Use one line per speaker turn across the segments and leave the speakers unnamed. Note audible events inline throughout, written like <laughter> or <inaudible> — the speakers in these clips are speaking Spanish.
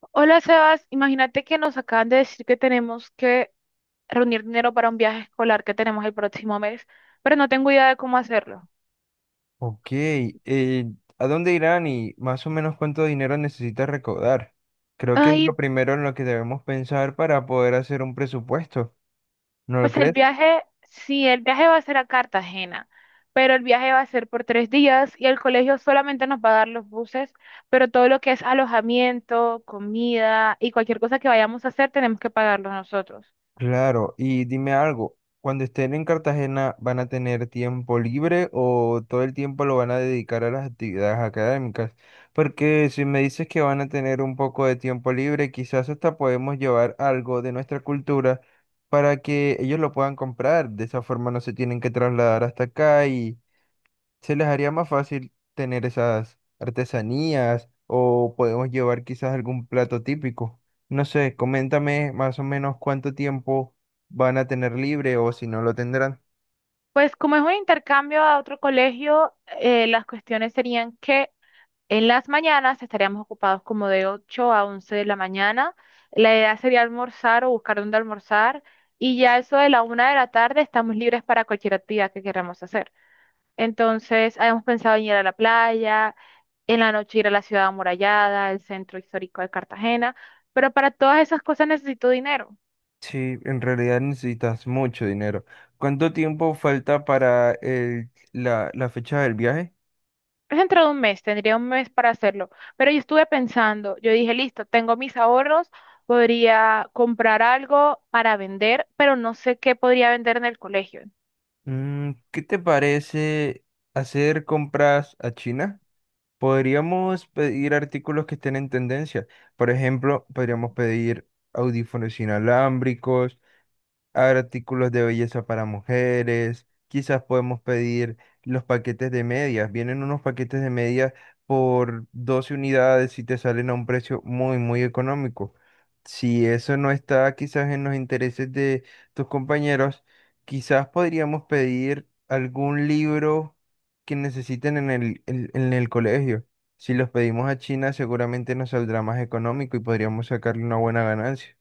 Hola Sebas, imagínate que nos acaban de decir que tenemos que reunir dinero para un viaje escolar que tenemos el próximo mes, pero no tengo idea de cómo hacerlo.
Ok, eh, ¿A dónde irán y más o menos cuánto dinero necesitas recaudar? Creo que es lo
Ay,
primero en lo que debemos pensar para poder hacer un presupuesto, ¿no lo
pues el
crees?
viaje, sí, el viaje va a ser a Cartagena, pero el viaje va a ser por 3 días y el colegio solamente nos va a dar los buses, pero todo lo que es alojamiento, comida y cualquier cosa que vayamos a hacer tenemos que pagarlo nosotros.
Claro, y dime algo, cuando estén en Cartagena, ¿van a tener tiempo libre o todo el tiempo lo van a dedicar a las actividades académicas? Porque si me dices que van a tener un poco de tiempo libre, quizás hasta podemos llevar algo de nuestra cultura para que ellos lo puedan comprar. De esa forma no se tienen que trasladar hasta acá, se les haría más fácil tener esas artesanías o podemos llevar quizás algún plato típico. No sé, coméntame más o menos cuánto tiempo van a tener libre o si no lo tendrán.
Pues como es un intercambio a otro colegio, las cuestiones serían que en las mañanas estaríamos ocupados como de 8 a 11 de la mañana. La idea sería almorzar o buscar dónde almorzar, y ya eso de la 1 de la tarde estamos libres para cualquier actividad que queramos hacer. Entonces, habíamos pensado en ir a la playa, en la noche ir a la ciudad amurallada, el centro histórico de Cartagena, pero para todas esas cosas necesito dinero.
Sí, en realidad necesitas mucho dinero. ¿Cuánto tiempo falta para la fecha del viaje?
Es dentro de un mes, tendría un mes para hacerlo. Pero yo estuve pensando, yo dije, listo, tengo mis ahorros, podría comprar algo para vender, pero no sé qué podría vender en el colegio.
Mm, ¿qué te parece hacer compras a China? Podríamos pedir artículos que estén en tendencia. Por ejemplo, podríamos pedir audífonos inalámbricos, haber artículos de belleza para mujeres, quizás podemos pedir los paquetes de medias. Vienen unos paquetes de medias por 12 unidades y te salen a un precio muy, muy económico. Si eso no está quizás en los intereses de tus compañeros, quizás podríamos pedir algún libro que necesiten en el colegio. Si los pedimos a China, seguramente nos saldrá más económico y podríamos sacarle una buena ganancia.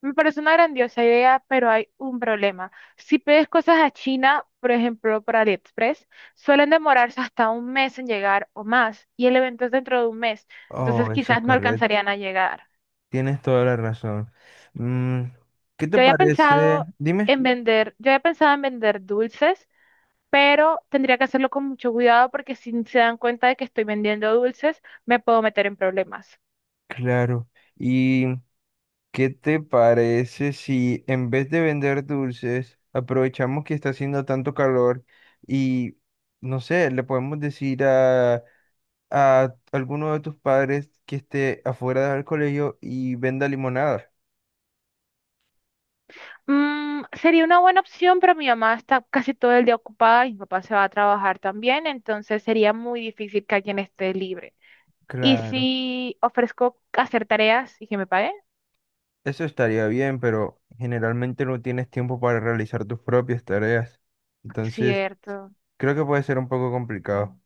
Me parece una grandiosa idea, pero hay un problema. Si pides cosas a China, por ejemplo, por AliExpress, suelen demorarse hasta un mes en llegar o más, y el evento es dentro de un mes,
Oh,
entonces
eso es
quizás no
correcto.
alcanzarían a llegar.
Tienes toda la razón. Mm, ¿qué te
Yo había
parece?
pensado
Dime.
yo había pensado en vender dulces, pero tendría que hacerlo con mucho cuidado porque si se dan cuenta de que estoy vendiendo dulces, me puedo meter en problemas.
Claro. ¿Y qué te parece si en vez de vender dulces, aprovechamos que está haciendo tanto calor y, no sé, le podemos decir a alguno de tus padres que esté afuera del colegio y venda limonada?
Mm, sería una buena opción, pero mi mamá está casi todo el día ocupada y mi papá se va a trabajar también, entonces sería muy difícil que alguien esté libre. Y
Claro.
si ofrezco hacer tareas y que me paguen,
Eso estaría bien, pero generalmente no tienes tiempo para realizar tus propias tareas. Entonces,
cierto,
creo que puede ser un poco complicado.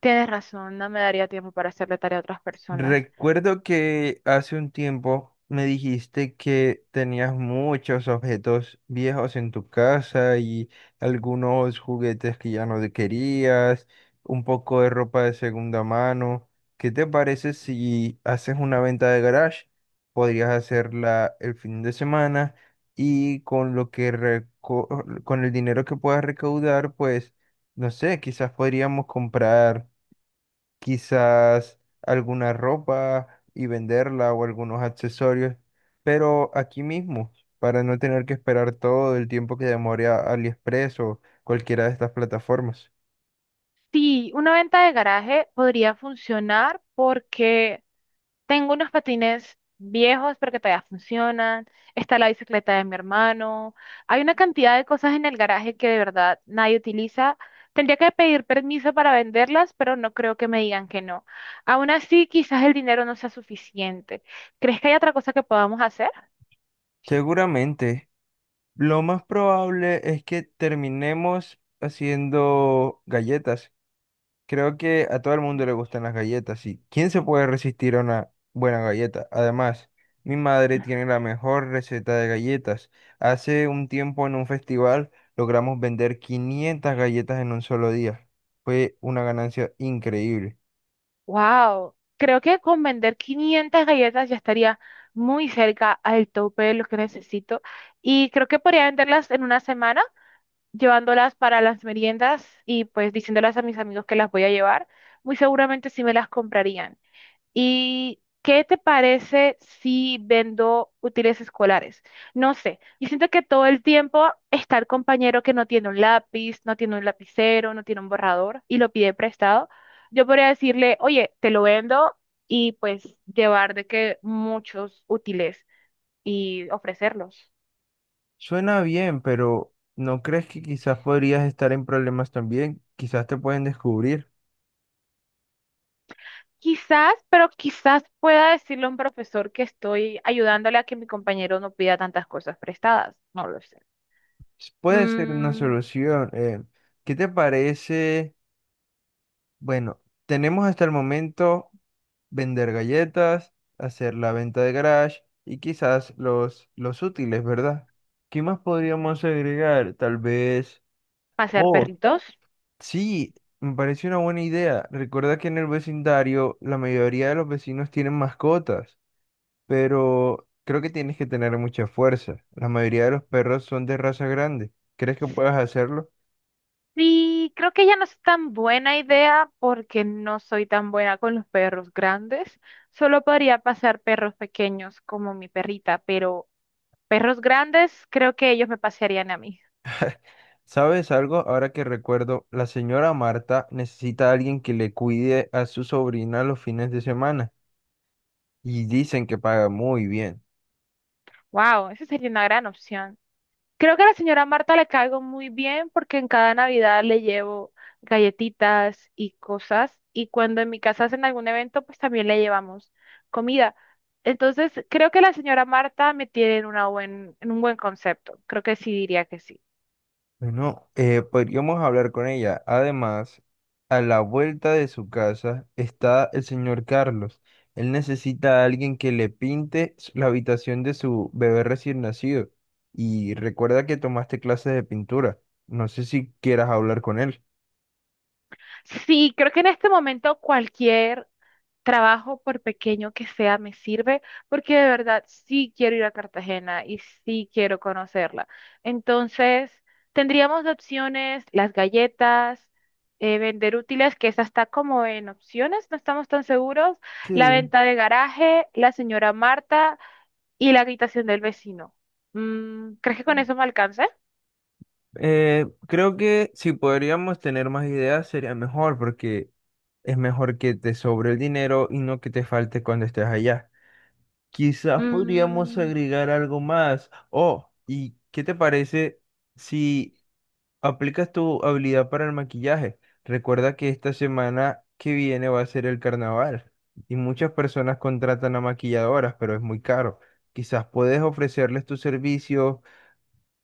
tienes razón, no me daría tiempo para hacerle tarea a otras personas.
Recuerdo que hace un tiempo me dijiste que tenías muchos objetos viejos en tu casa y algunos juguetes que ya no te querías, un poco de ropa de segunda mano. ¿Qué te parece si haces una venta de garage? Podrías hacerla el fin de semana y con lo que con el dinero que puedas recaudar, pues no sé, quizás podríamos comprar quizás alguna ropa y venderla o algunos accesorios, pero aquí mismo, para no tener que esperar todo el tiempo que demore a AliExpress o cualquiera de estas plataformas.
Sí, una venta de garaje podría funcionar porque tengo unos patines viejos, pero que todavía funcionan. Está la bicicleta de mi hermano. Hay una cantidad de cosas en el garaje que de verdad nadie utiliza. Tendría que pedir permiso para venderlas, pero no creo que me digan que no. Aún así, quizás el dinero no sea suficiente. ¿Crees que hay otra cosa que podamos hacer?
Seguramente, lo más probable es que terminemos haciendo galletas. Creo que a todo el mundo le gustan las galletas, y ¿quién se puede resistir a una buena galleta? Además, mi madre tiene la mejor receta de galletas. Hace un tiempo en un festival logramos vender 500 galletas en un solo día. Fue una ganancia increíble.
Wow, creo que con vender 500 galletas ya estaría muy cerca al tope de lo que necesito, y creo que podría venderlas en una semana, llevándolas para las meriendas y pues diciéndolas a mis amigos que las voy a llevar. Muy seguramente sí me las comprarían. ¿Y qué te parece si vendo útiles escolares? No sé, yo siento que todo el tiempo está el compañero que no tiene un lápiz, no tiene un lapicero, no tiene un borrador y lo pide prestado. Yo podría decirle, oye, te lo vendo y pues llevar de que muchos útiles y ofrecerlos.
Suena bien, pero ¿no crees que quizás podrías estar en problemas también? Quizás te pueden descubrir.
Quizás, pero quizás pueda decirle a un profesor que estoy ayudándole a que mi compañero no pida tantas cosas prestadas. No lo sé.
Puede ser una
Mm,
solución. ¿Qué te parece? Bueno, tenemos hasta el momento... vender galletas, hacer la venta de garage y quizás los útiles, ¿verdad? ¿Qué más podríamos agregar? Tal vez...
Pasear
Oh,
perritos.
sí, me parece una buena idea. Recuerda que en el vecindario la mayoría de los vecinos tienen mascotas, pero creo que tienes que tener mucha fuerza. La mayoría de los perros son de raza grande. ¿Crees que puedas hacerlo?
Sí, creo que ya no es tan buena idea porque no soy tan buena con los perros grandes. Solo podría pasar perros pequeños como mi perrita, pero perros grandes creo que ellos me pasearían a mí.
¿Sabes algo? Ahora que recuerdo, la señora Marta necesita a alguien que le cuide a su sobrina los fines de semana. Y dicen que paga muy bien.
Wow, esa sería una gran opción. Creo que a la señora Marta le caigo muy bien porque en cada Navidad le llevo galletitas y cosas, y cuando en mi casa hacen algún evento, pues también le llevamos comida. Entonces, creo que la señora Marta me tiene en un buen concepto. Creo que sí diría que sí.
Bueno, podríamos hablar con ella. Además, a la vuelta de su casa está el señor Carlos. Él necesita a alguien que le pinte la habitación de su bebé recién nacido. Y recuerda que tomaste clases de pintura. No sé si quieras hablar con él.
Sí, creo que en este momento cualquier trabajo, por pequeño que sea, me sirve, porque de verdad sí quiero ir a Cartagena y sí quiero conocerla. Entonces, tendríamos de opciones las galletas, vender útiles, que esa está como en opciones, no estamos tan seguros, la
Sí.
venta de garaje, la señora Marta y la habitación del vecino. ¿Crees que con eso me alcance?
Creo que si podríamos tener más ideas sería mejor porque es mejor que te sobre el dinero y no que te falte cuando estés allá. Quizás podríamos
Mm,
agregar algo más. Oh, ¿y qué te parece si aplicas tu habilidad para el maquillaje? Recuerda que esta semana que viene va a ser el carnaval y muchas personas contratan a maquilladoras, pero es muy caro. Quizás puedes ofrecerles tus servicios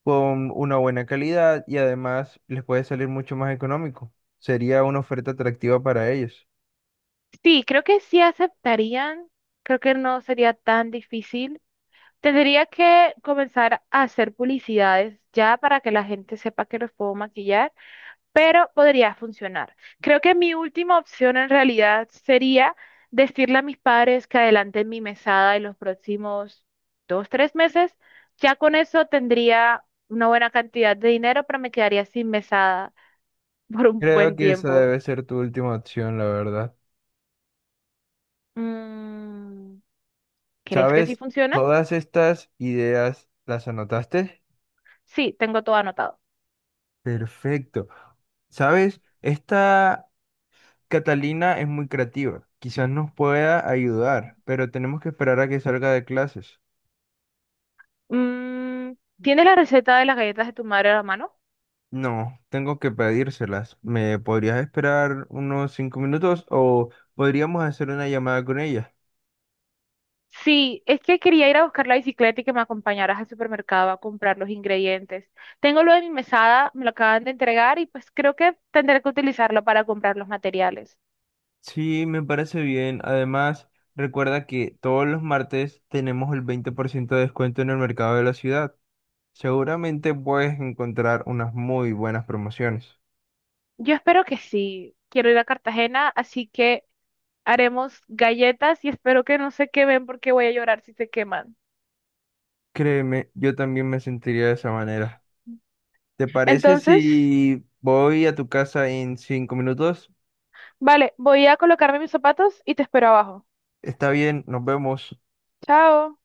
con una buena calidad y además les puede salir mucho más económico. Sería una oferta atractiva para ellos.
sí, creo que sí aceptarían. Creo que no sería tan difícil. Tendría que comenzar a hacer publicidades ya para que la gente sepa que los puedo maquillar, pero podría funcionar. Creo que mi última opción en realidad sería decirle a mis padres que adelanten mi mesada en los próximos dos, tres meses. Ya con eso tendría una buena cantidad de dinero, pero me quedaría sin mesada <laughs> por un
Creo
buen
que esa
tiempo.
debe ser tu última opción, la verdad.
Mm, ¿Crees que sí
¿Sabes?
funciona?
Todas estas ideas las anotaste.
Sí, tengo todo anotado.
Perfecto. ¿Sabes? Esta Catalina es muy creativa. Quizás nos pueda ayudar, pero tenemos que esperar a que salga de clases.
Mm, ¿Tienes la receta de las galletas de tu madre a la mano?
No, tengo que pedírselas. ¿Me podrías esperar unos 5 minutos o podríamos hacer una llamada con ella?
Sí, es que quería ir a buscar la bicicleta y que me acompañaras al supermercado a comprar los ingredientes. Tengo lo de mi mesada, me lo acaban de entregar y pues creo que tendré que utilizarlo para comprar los materiales.
Sí, me parece bien. Además, recuerda que todos los martes tenemos el 20% de descuento en el mercado de la ciudad. Seguramente puedes encontrar unas muy buenas promociones.
Yo espero que sí. Quiero ir a Cartagena, así que haremos galletas y espero que no se quemen porque voy a llorar si se queman.
Créeme, yo también me sentiría de esa manera. ¿Te parece
Entonces,
si voy a tu casa en 5 minutos?
vale, voy a colocarme mis zapatos y te espero abajo.
Está bien, nos vemos.
Chao.